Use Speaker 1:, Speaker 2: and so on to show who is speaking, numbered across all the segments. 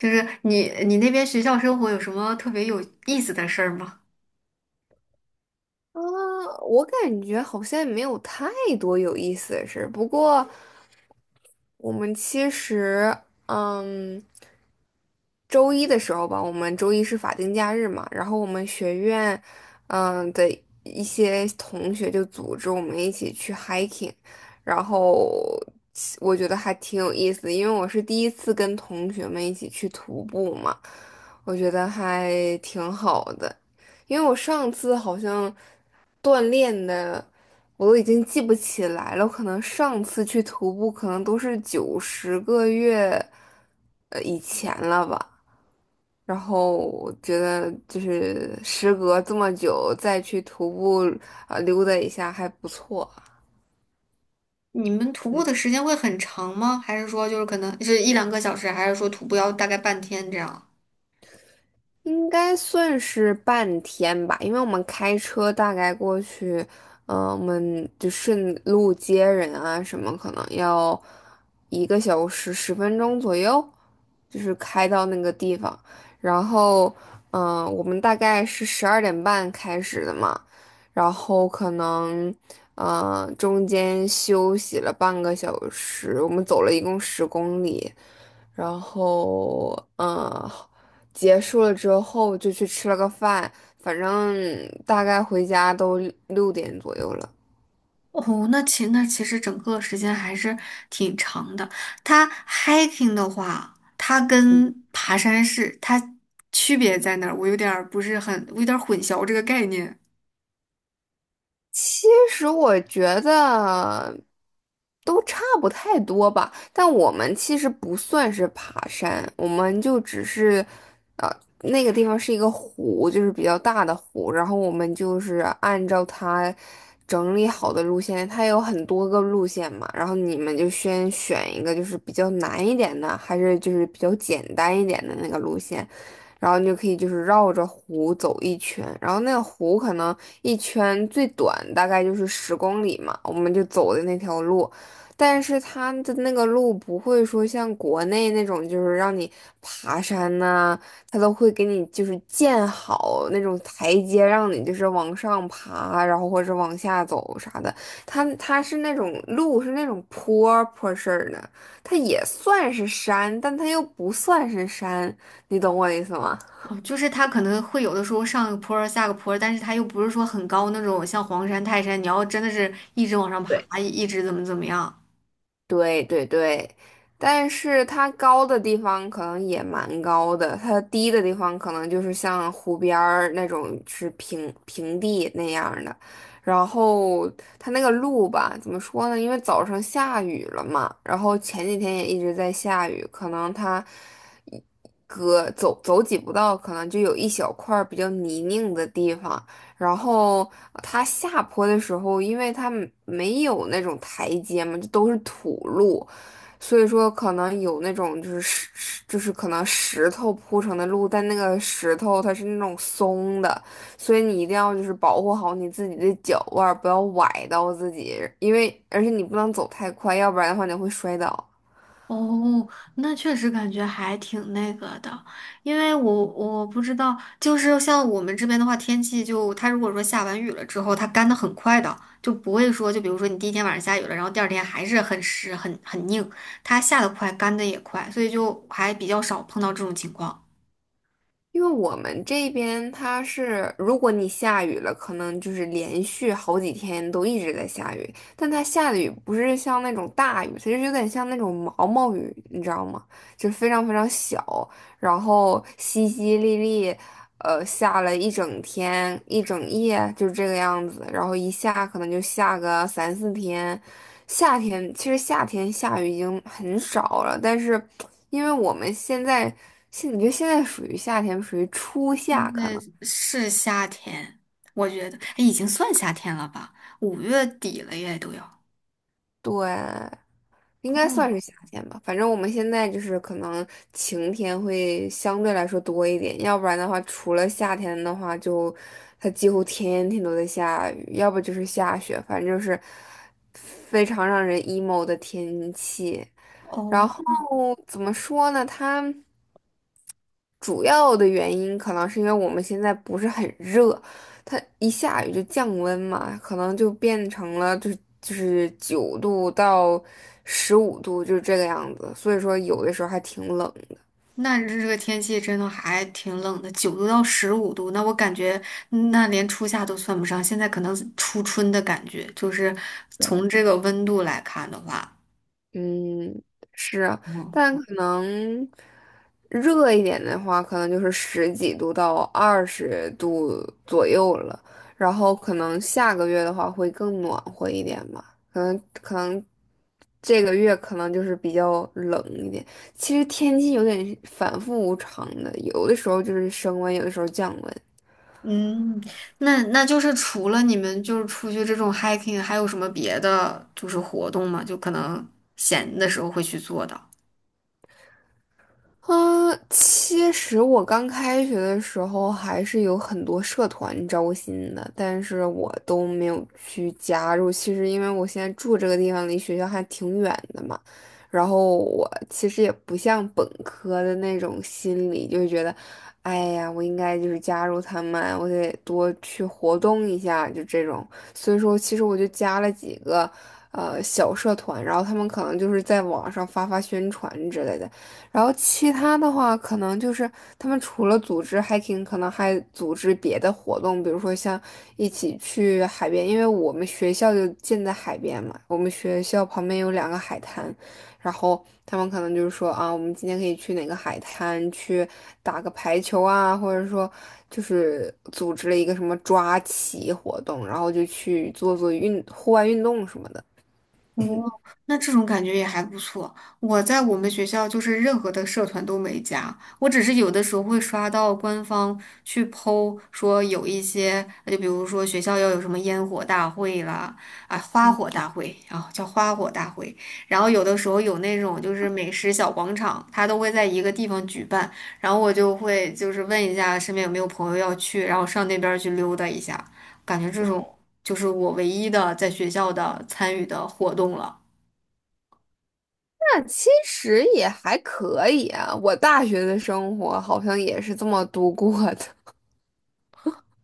Speaker 1: 就是你那边学校生活有什么特别有意思的事儿吗？
Speaker 2: 啊，我感觉好像也没有太多有意思的事儿。不过我们其实，嗯，周一的时候吧，我们周一是法定假日嘛。然后我们学院，嗯的一些同学就组织我们一起去 hiking。然后我觉得还挺有意思的，因为我是第一次跟同学们一起去徒步嘛。我觉得还挺好的，因为我上次好像锻炼的。我都已经记不起来了，我可能上次去徒步可能都是九十个月以前了吧。然后我觉得就是时隔这么久再去徒步，溜达一下还不错。
Speaker 1: 你们徒步的时间会很长吗？还是说就是可能是一两个小时，还是说徒步要大概半天这样？
Speaker 2: 应该算是半天吧。因为我们开车大概过去，我们就顺路接人啊什么，可能要1个小时10分钟左右，就是开到那个地方。然后，我们大概是12点半开始的嘛。然后可能，中间休息了半个小时，我们走了一共十公里。然后，结束了之后就去吃了个饭，反正大概回家都六点左右了。
Speaker 1: 哦，那其实整个时间还是挺长的。它 hiking 的话，它跟爬山是它区别在哪儿？我有点儿不是很，我有点儿混淆这个概念。
Speaker 2: 其实我觉得都差不太多吧，但我们其实不算是爬山，我们就只是，呃，那个地方是一个湖，就是比较大的湖。然后我们就是按照它整理好的路线，它有很多个路线嘛。然后你们就先选一个就是比较难一点的，还是就是比较简单一点的那个路线。然后你就可以就是绕着湖走一圈。然后那个湖可能。一圈最短大概就是十公里嘛，我们就走的那条路。但是它的那个路不会说像国内那种，就是让你爬山呐、它都会给你就是建好那种台阶，让你就是往上爬，然后或者往下走啥的。它是那种路是那种坡坡式儿的。它也算是山，但它又不算是山。你懂我的意思吗？
Speaker 1: 哦，就是它可能会有的时候上个坡儿下个坡儿，但是它又不是说很高那种，像黄山、泰山，你要真的是一直往上
Speaker 2: 对。
Speaker 1: 爬，一直怎么怎么样。
Speaker 2: 对对对。但是它高的地方可能也蛮高的，它低的地方可能就是像湖边儿那种是平平地那样儿的。然后它那个路吧，怎么说呢？因为早上下雨了嘛，然后前几天也一直在下雨。可能它一隔走走几步道，可能就有一小块儿比较泥泞的地方。然后它下坡的时候，因为它没有那种台阶嘛，就都是土路。所以说可能有那种就是就是可能石头铺成的路，但那个石头它是那种松的。所以你一定要就是保护好你自己的脚腕儿，不要崴到自己。因为而且你不能走太快，要不然的话你会摔倒。
Speaker 1: 哦，那确实感觉还挺那个的，因为我不知道，就是像我们这边的话，天气就它如果说下完雨了之后，它干的很快的，就不会说，就比如说你第一天晚上下雨了，然后第二天还是很湿很硬，它下的快，干的也快，所以就还比较少碰到这种情况。
Speaker 2: 因为我们这边它是，如果你下雨了，可能就是连续好几天都一直在下雨。但它下的雨不是像那种大雨，它就是有点像那种毛毛雨，你知道吗？就是非常非常小，然后淅淅沥沥，下了一整天、一整夜，就是这个样子。然后一下可能就下个三四天。夏天其实夏天下雨已经很少了，但是因为我们现在你觉得现在属于夏天，属于初夏
Speaker 1: 现
Speaker 2: 可
Speaker 1: 在
Speaker 2: 能。
Speaker 1: 是夏天，我觉得，哎已经算夏天了吧？五月底了耶，都要。
Speaker 2: 对，应该算是夏天吧。反正我们现在就是可能晴天会相对来说多一点。要不然的话，除了夏天的话就，它几乎天天都在下雨，要不就是下雪，反正就是非常让人 emo 的天气。然
Speaker 1: 哦，
Speaker 2: 后怎么说呢？它。主要的原因可能是因为我们现在不是很热，它一下雨就降温嘛，可能就变成了就是9度到15度，就是这个样子，所以说有的时候还挺冷。
Speaker 1: 那这个天气真的还挺冷的，九度到十五度，那我感觉那连初夏都算不上，现在可能是初春的感觉，就是从这个温度来看的话。
Speaker 2: 嗯，是啊。
Speaker 1: 哦，
Speaker 2: 但可能热一点的话，可能就是十几度到20度左右了。然后可能下个月的话会更暖和一点吧，可能这个月可能就是比较冷一点。其实天气有点反复无常的，有的时候就是升温，有的时候降温。
Speaker 1: 嗯，那就是除了你们就是出去这种 hiking，还有什么别的就是活动吗？就可能闲的时候会去做的。
Speaker 2: 嗯，其实我刚开学的时候还是有很多社团招新的，但是我都没有去加入。其实因为我现在住这个地方离学校还挺远的嘛。然后我其实也不像本科的那种心理，就是觉得，哎呀，我应该就是加入他们，我得多去活动一下，就这种。所以说，其实我就加了几个小社团。然后他们可能就是在网上发发宣传之类的。然后其他的话，可能就是他们除了组织 hiking，可能还组织别的活动，比如说像一起去海边，因为我们学校就建在海边嘛，我们学校旁边有两个海滩。然后他们可能就是说啊，我们今天可以去哪个海滩去打个排球啊，或者说就是组织了一个什么抓棋活动，然后就去做做户外运动什么的。
Speaker 1: 哦，那这种感觉也还不错。我在我们学校就是任何的社团都没加，我只是有的时候会刷到官方去 po 说有一些，就比如说学校要有什么烟火大会啦，啊，花火大会啊，叫花火大会。然后有的时候有那种就是美食小广场，它都会在一个地方举办，然后我就会就是问一下身边有没有朋友要去，然后上那边儿去溜达一下，感觉这种。就是我唯一的在学校的参与的活动了。
Speaker 2: 那其实也还可以啊，我大学的生活好像也是这么度过的。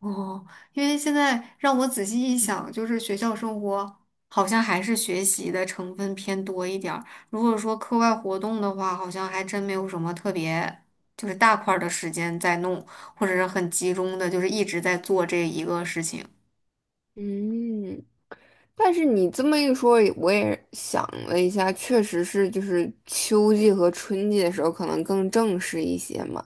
Speaker 1: 哦，因为现在让我仔细一想，就是学校生活好像还是学习的成分偏多一点儿。如果说课外活动的话，好像还真没有什么特别，就是大块儿的时间在弄，或者是很集中的，就是一直在做这一个事情。
Speaker 2: 嗯，但是你这么一说，我也想了一下，确实是就是秋季和春季的时候可能更正式一些嘛，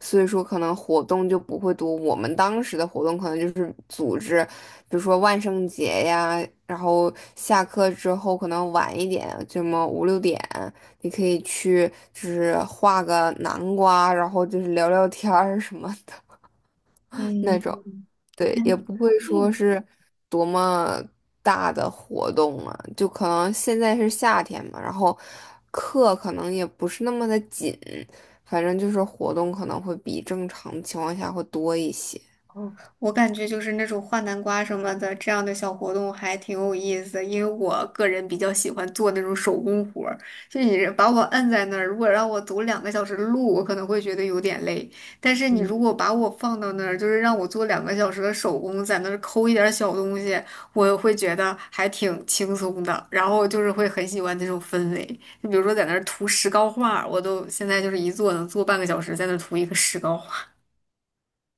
Speaker 2: 所以说可能活动就不会多。我们当时的活动可能就是组织，比如说万圣节呀，然后下课之后可能晚一点，这么五六点，你可以去就是画个南瓜，然后就是聊聊天儿什么的 那
Speaker 1: 嗯。
Speaker 2: 种。对，也
Speaker 1: 嗯。
Speaker 2: 不会说
Speaker 1: 哎，
Speaker 2: 是多么大的活动嘛，就可能现在是夏天嘛，然后课可能也不是那么的紧，反正就是活动可能会比正常情况下会多一些。
Speaker 1: 我感觉就是那种画南瓜什么的这样的小活动还挺有意思的，因为我个人比较喜欢做那种手工活儿。就你把我摁在那儿，如果让我走两个小时的路，我可能会觉得有点累。但是你如果把我放到那儿，就是让我做两个小时的手工，在那儿抠一点儿小东西，我会觉得还挺轻松的。然后就是会很喜欢那种氛围。就比如说在那儿涂石膏画儿我都现在就是一坐能坐半个小时，在那儿涂一个石膏画。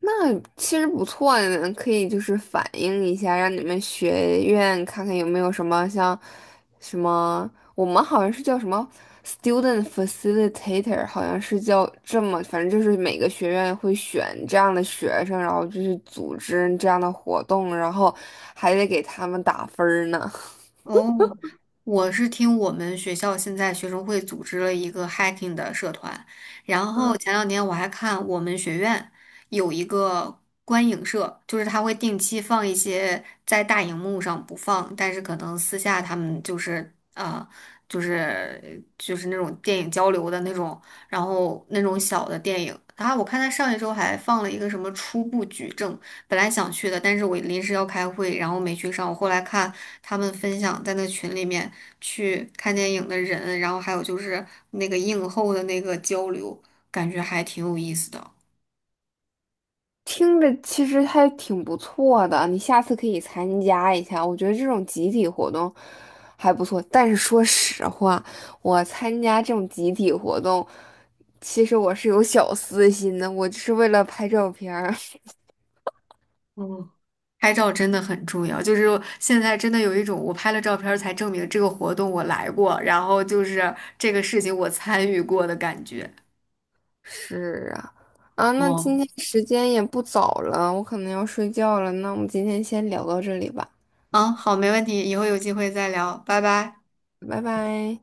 Speaker 2: 那其实不错呢，嗯可以就是反映一下，让你们学院看看有没有什么像什么，我们好像是叫什么 student facilitator，好像是叫这么，反正就是每个学院会选这样的学生，然后就是组织这样的活动，然后还得给他们打分儿呢。
Speaker 1: 哦，我是听我们学校现在学生会组织了一个 hiking 的社团，然后 前两年我还看我们学院有一个观影社，就是他会定期放一些在大荧幕上不放，但是可能私下他们就是啊、就是那种电影交流的那种，然后那种小的电影，然后我看他上一周还放了一个什么初步举证。本来想去的，但是我临时要开会，然后没去上。我后来看他们分享在那群里面去看电影的人，然后还有就是那个映后的那个交流，感觉还挺有意思的。
Speaker 2: 听着其实还挺不错的，你下次可以参加一下。我觉得这种集体活动还不错。但是说实话，我参加这种集体活动，其实我是有小私心的，我就是为了拍照片儿。
Speaker 1: 嗯，拍照真的很重要，就是现在真的有一种我拍了照片儿才证明这个活动我来过，然后就是这个事情我参与过的感觉。
Speaker 2: 是啊。啊，那今
Speaker 1: 哦，
Speaker 2: 天时间也不早了，我可能要睡觉了，那我们今天先聊到这里吧。
Speaker 1: 嗯，好，没问题，以后有机会再聊，拜拜。
Speaker 2: 拜拜。